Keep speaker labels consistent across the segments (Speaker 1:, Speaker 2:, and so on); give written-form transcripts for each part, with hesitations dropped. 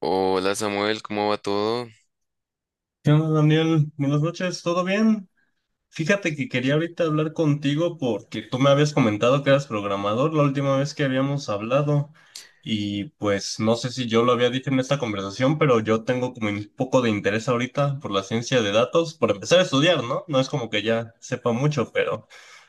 Speaker 1: Hola Samuel, ¿cómo va todo?
Speaker 2: ¿Qué onda, Daniel? Buenas noches, ¿todo bien? Fíjate que quería ahorita hablar contigo porque tú me habías comentado que eras programador la última vez que habíamos hablado y pues no sé si yo lo había dicho en esta conversación, pero yo tengo como un poco de interés ahorita por la ciencia de datos, por empezar a estudiar, ¿no? No es como que ya sepa mucho, pero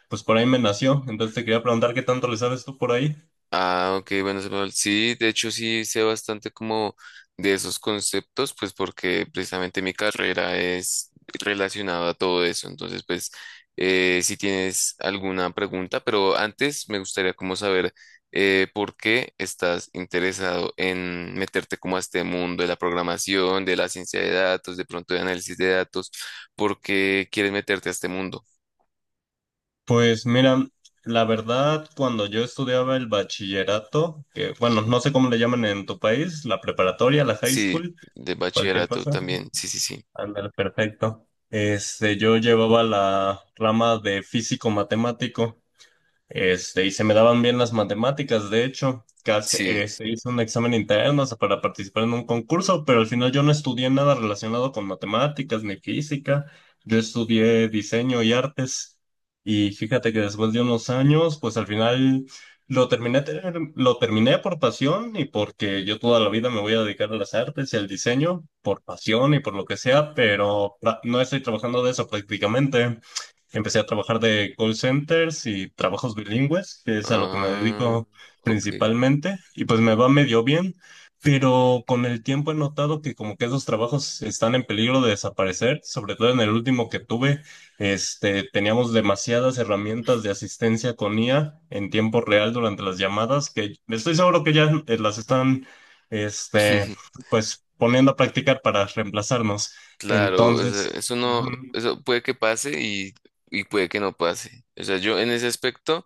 Speaker 2: pues por ahí me nació, entonces te quería preguntar qué tanto le sabes tú por ahí.
Speaker 1: Ah, ok, bueno Samuel, sí, de hecho sí sé bastante como de esos conceptos, pues porque precisamente mi carrera es relacionada a todo eso, entonces pues si tienes alguna pregunta, pero antes me gustaría como saber por qué estás interesado en meterte como a este mundo de la programación, de la ciencia de datos, de pronto de análisis de datos, ¿por qué quieres meterte a este mundo?
Speaker 2: Pues mira, la verdad, cuando yo estudiaba el bachillerato, que bueno, no sé cómo le llaman en tu país, la preparatoria, la high
Speaker 1: Sí,
Speaker 2: school,
Speaker 1: de
Speaker 2: cualquier
Speaker 1: bachillerato
Speaker 2: cosa. Ujú.
Speaker 1: también, sí, sí, sí.
Speaker 2: Ándale, perfecto. Yo llevaba la rama de físico matemático. Y se me daban bien las matemáticas, de hecho, casi,
Speaker 1: Sí.
Speaker 2: se hizo un examen interno, o sea, para participar en un concurso, pero al final yo no estudié nada relacionado con matemáticas ni física, yo estudié diseño y artes, y fíjate que después de unos años, pues al final lo terminé, lo terminé por pasión y porque yo toda la vida me voy a dedicar a las artes y al diseño, por pasión y por lo que sea, pero no estoy trabajando de eso prácticamente. Empecé a trabajar de call centers y trabajos bilingües, que es a lo que me
Speaker 1: Ah,
Speaker 2: dedico
Speaker 1: ok.
Speaker 2: principalmente, y pues me va medio bien, pero con el tiempo he notado que como que esos trabajos están en peligro de desaparecer, sobre todo en el último que tuve, teníamos demasiadas herramientas de asistencia con IA en tiempo real durante las llamadas, que estoy seguro que ya las están, este, pues poniendo a practicar para reemplazarnos.
Speaker 1: Claro, o sea,
Speaker 2: Entonces...
Speaker 1: eso no,
Speaker 2: ujú,
Speaker 1: eso puede que pase y puede que no pase. O sea, yo en ese aspecto,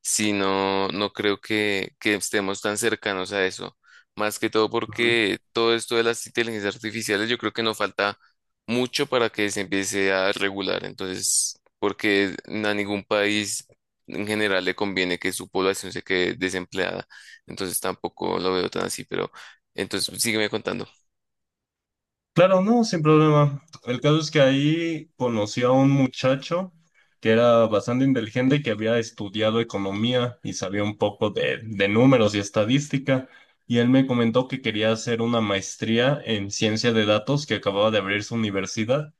Speaker 1: sí no, no creo que estemos tan cercanos a eso. Más que todo
Speaker 2: ujú.
Speaker 1: porque todo esto de las inteligencias artificiales, yo creo que nos falta mucho para que se empiece a regular. Entonces, porque a ningún país en general le conviene que su población se quede desempleada. Entonces, tampoco lo veo tan así, pero entonces sígueme contando.
Speaker 2: Claro, no, sin problema. El caso es que ahí conocí a un muchacho que era bastante inteligente, y que había estudiado economía y sabía un poco de, números y estadística. Y él me comentó que quería hacer una maestría en ciencia de datos que acababa de abrir su universidad.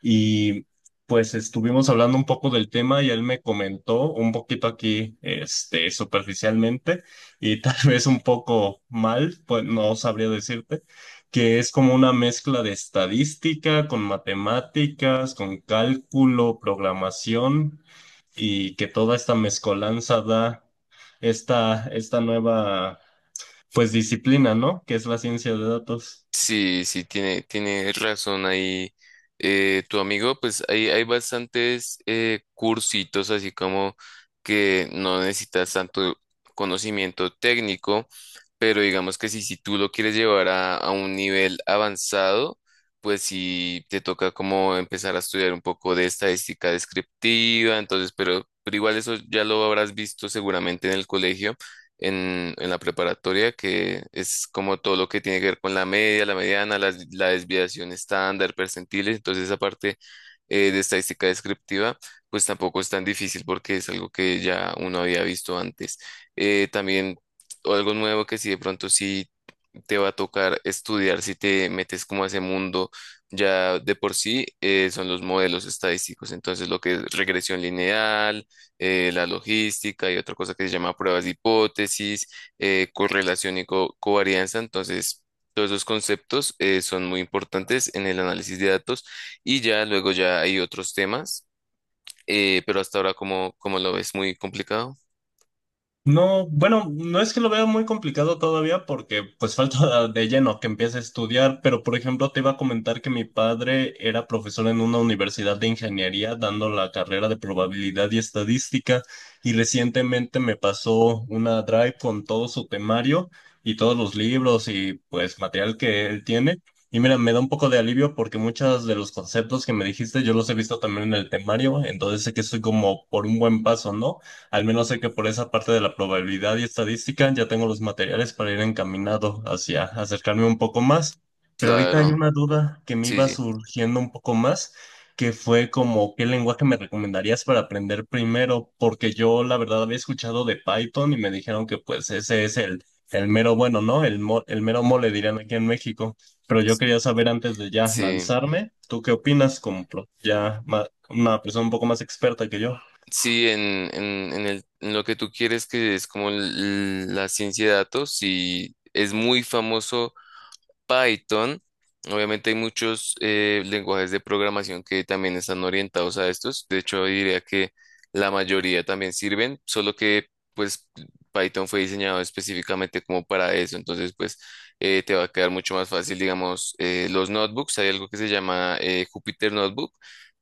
Speaker 2: Y pues estuvimos hablando un poco del tema y él me comentó un poquito aquí, superficialmente y tal vez un poco mal, pues no sabría decirte, que es como una mezcla de estadística con matemáticas, con cálculo, programación y que toda esta mezcolanza da esta nueva, pues disciplina, ¿no? Que es la ciencia de datos.
Speaker 1: Sí, sí, tiene razón ahí tu amigo, pues hay bastantes cursitos así como que no necesitas tanto conocimiento técnico, pero digamos que si, si tú lo quieres llevar a un nivel avanzado, pues sí te toca como empezar a estudiar un poco de estadística descriptiva, entonces, pero igual eso ya lo habrás visto seguramente en el colegio en la preparatoria, que es como todo lo que tiene que ver con la media, la mediana, la desviación estándar, percentiles. Entonces, esa parte de estadística descriptiva, pues tampoco es tan difícil porque es algo que ya uno había visto antes. También algo nuevo que si de pronto sí te va a tocar estudiar, si te metes como a ese mundo ya de por sí, son los modelos estadísticos. Entonces, lo que es regresión lineal la logística y otra cosa que se llama pruebas de hipótesis, correlación y covarianza. Entonces, todos esos conceptos son muy importantes en el análisis de datos y ya luego ya hay otros temas, pero hasta ahora como, como lo ves muy complicado.
Speaker 2: No, bueno, no es que lo vea muy complicado todavía porque pues falta de lleno que empiece a estudiar, pero por ejemplo te iba a comentar que mi padre era profesor en una universidad de ingeniería dando la carrera de probabilidad y estadística y recientemente me pasó una drive con todo su temario y todos los libros y pues material que él tiene. Y mira, me da un poco de alivio porque muchos de los conceptos que me dijiste yo los he visto también en el temario, entonces sé que estoy como por un buen paso, ¿no? Al menos sé que por esa parte de la probabilidad y estadística ya tengo los materiales para ir encaminado hacia acercarme un poco más. Pero ahorita hay
Speaker 1: Claro,
Speaker 2: una duda que me
Speaker 1: sí,
Speaker 2: iba
Speaker 1: sí,
Speaker 2: surgiendo un poco más, que fue como, ¿qué lenguaje me recomendarías para aprender primero? Porque yo la verdad había escuchado de Python y me dijeron que pues ese es el mero bueno, ¿no? El mero mole dirían aquí en México. Pero yo quería saber antes de ya
Speaker 1: sí.
Speaker 2: lanzarme, ¿tú qué opinas como una persona un poco más experta que yo?
Speaker 1: Sí, en el, en lo que tú quieres, que es como la ciencia de datos, sí, es muy famoso Python. Obviamente hay muchos lenguajes de programación que también están orientados a estos. De hecho, diría que la mayoría también sirven, solo que pues Python fue diseñado específicamente como para eso. Entonces, pues te va a quedar mucho más fácil, digamos, los notebooks. Hay algo que se llama Jupyter Notebook,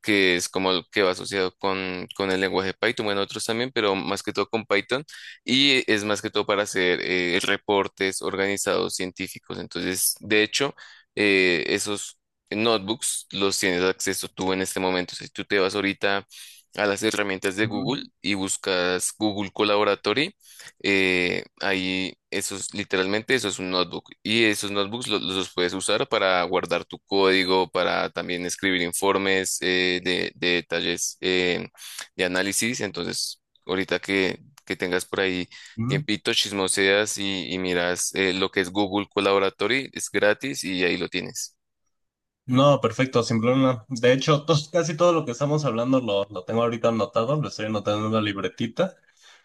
Speaker 1: que es como el que va asociado con el lenguaje Python. Bueno, otros también, pero más que todo con Python y es más que todo para hacer reportes organizados científicos. Entonces, de hecho, esos notebooks los tienes acceso tú en este momento. Si tú te vas ahorita a las herramientas de
Speaker 2: Ujú,
Speaker 1: Google y buscas Google Collaboratory, ahí eso es literalmente eso es un notebook y esos notebooks los, puedes usar para guardar tu código, para también escribir informes de detalles de análisis. Entonces, ahorita que tengas por ahí
Speaker 2: ujú.
Speaker 1: tiempito, chismoseas y miras lo que es Google Collaboratory, es gratis y ahí lo tienes.
Speaker 2: No, perfecto, sin problema. De hecho, casi todo lo que estamos hablando lo tengo ahorita anotado, lo estoy anotando en la libretita,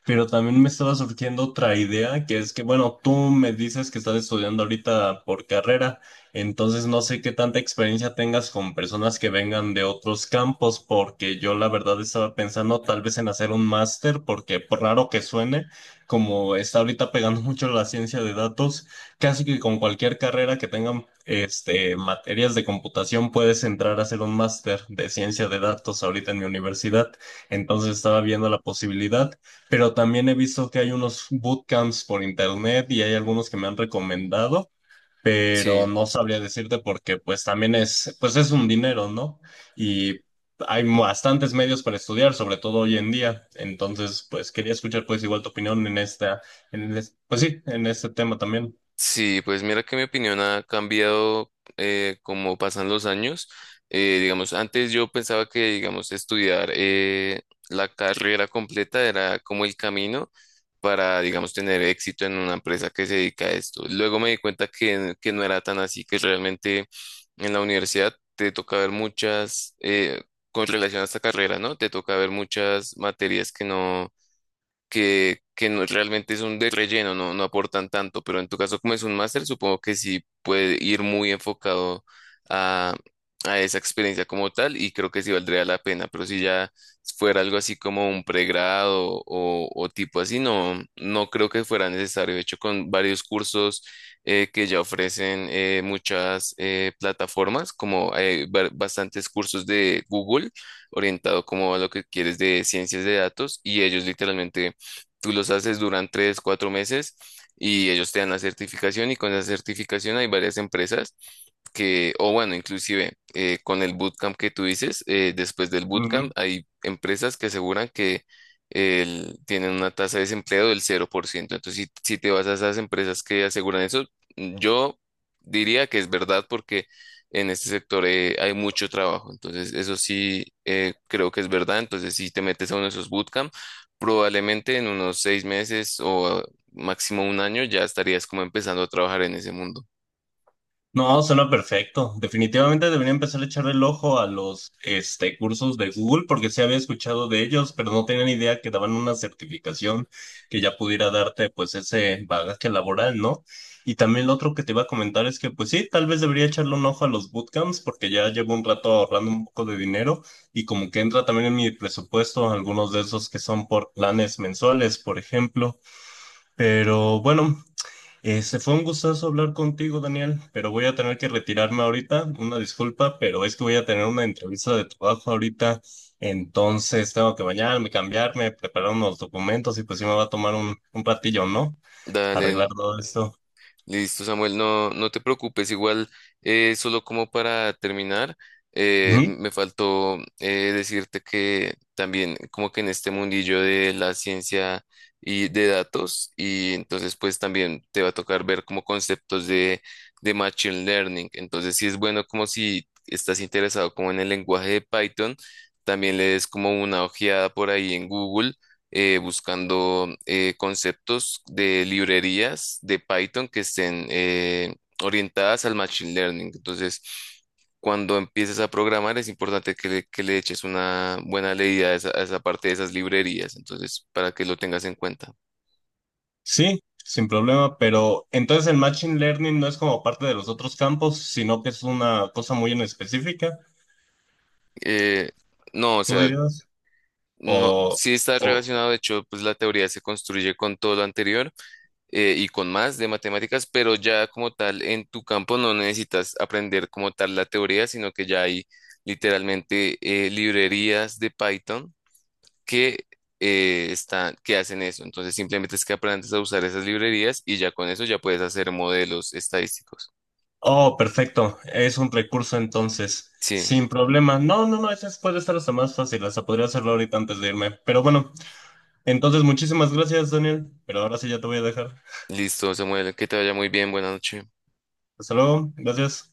Speaker 2: pero también me estaba surgiendo otra idea, que es que, bueno, tú me dices que estás estudiando ahorita por carrera, entonces no sé qué tanta experiencia tengas con personas que vengan de otros campos, porque yo la verdad estaba pensando tal vez en hacer un máster, porque por raro que suene, como está ahorita pegando mucho la ciencia de datos. Casi que con cualquier carrera que tengan materias de computación puedes entrar a hacer un máster de ciencia de datos ahorita en mi universidad. Entonces estaba viendo la posibilidad, pero también he visto que hay unos bootcamps por internet y hay algunos que me han recomendado, pero
Speaker 1: Sí.
Speaker 2: no sabría decirte porque pues también es, pues es un dinero, ¿no? Y hay bastantes medios para estudiar, sobre todo hoy en día. Entonces, pues quería escuchar pues igual tu opinión en esta, pues sí, en este tema también.
Speaker 1: Sí, pues mira que mi opinión ha cambiado como pasan los años. Digamos, antes yo pensaba que, digamos, estudiar la carrera completa era como el camino para, digamos, tener éxito en una empresa que se dedica a esto. Luego me di cuenta que no era tan así, que realmente en la universidad te toca ver muchas, con relación a esta carrera, ¿no? Te toca ver muchas materias que no que no, realmente son de relleno, no, no aportan tanto, pero en tu caso como es un máster, supongo que sí puede ir muy enfocado a, a esa experiencia como tal y creo que sí valdría la pena, pero si ya fuera algo así como un pregrado o tipo así, no, no creo que fuera necesario. De hecho, con varios cursos que ya ofrecen muchas plataformas, como bastantes cursos de Google orientado como a lo que quieres de ciencias de datos y ellos literalmente tú los haces durante tres, cuatro meses y ellos te dan la certificación y con esa certificación hay varias empresas que, o bueno, inclusive con el bootcamp que tú dices, después del bootcamp hay empresas que aseguran que tienen una tasa de desempleo del 0%. Entonces, si, si te vas a esas empresas que aseguran eso, yo diría que es verdad porque en este sector hay mucho trabajo. Entonces, eso sí creo que es verdad. Entonces, si te metes a uno de esos bootcamp, probablemente en unos 6 meses o máximo un año ya estarías como empezando a trabajar en ese mundo.
Speaker 2: No, suena perfecto. Definitivamente debería empezar a echar el ojo a los cursos de Google porque sí había escuchado de ellos, pero no tenía ni idea que daban una certificación que ya pudiera darte pues ese bagaje laboral, ¿no? Y también lo otro que te iba a comentar es que pues sí, tal vez debería echarle un ojo a los bootcamps porque ya llevo un rato ahorrando un poco de dinero y como que entra también en mi presupuesto algunos de esos que son por planes mensuales, por ejemplo. Pero bueno. Se fue un gustazo hablar contigo, Daniel, pero voy a tener que retirarme ahorita. Una disculpa, pero es que voy a tener una entrevista de trabajo ahorita. Entonces tengo que bañarme, cambiarme, preparar unos documentos y pues sí me va a tomar un ratillo, ¿no? Arreglar
Speaker 1: Dale.
Speaker 2: todo esto.
Speaker 1: Listo, Samuel, no, no te preocupes, igual, solo como para terminar,
Speaker 2: Ujú.
Speaker 1: me faltó decirte que también como que en este mundillo de la ciencia y de datos, y entonces pues también te va a tocar ver como conceptos de Machine Learning, entonces sí es bueno como si estás interesado como en el lenguaje de Python, también le des como una ojeada por ahí en Google buscando conceptos de librerías de Python que estén orientadas al machine learning. Entonces, cuando empieces a programar, es importante que le eches una buena leída a esa parte de esas librerías. Entonces, para que lo tengas en cuenta.
Speaker 2: Sí, sin problema, pero entonces el Machine Learning no es como parte de los otros campos, sino que es una cosa muy en específica,
Speaker 1: Eh, no, o
Speaker 2: ¿tú
Speaker 1: sea,
Speaker 2: dirías?
Speaker 1: no,
Speaker 2: O,
Speaker 1: sí está
Speaker 2: o,
Speaker 1: relacionado. De hecho, pues la teoría se construye con todo lo anterior y con más de matemáticas, pero ya como tal en tu campo no necesitas aprender como tal la teoría, sino que ya hay literalmente librerías de Python que están, que hacen eso. Entonces simplemente es que aprendes a usar esas librerías y ya con eso ya puedes hacer modelos estadísticos.
Speaker 2: Oh, perfecto. Es un recurso entonces.
Speaker 1: Sí,
Speaker 2: Sin problema. No, no, no, puede estar hasta más fácil. Hasta podría hacerlo ahorita antes de irme. Pero bueno, entonces muchísimas gracias, Daniel. Pero ahora sí ya te voy a dejar.
Speaker 1: listo, Samuel, que te vaya muy bien, buenas noches.
Speaker 2: Hasta luego. Gracias.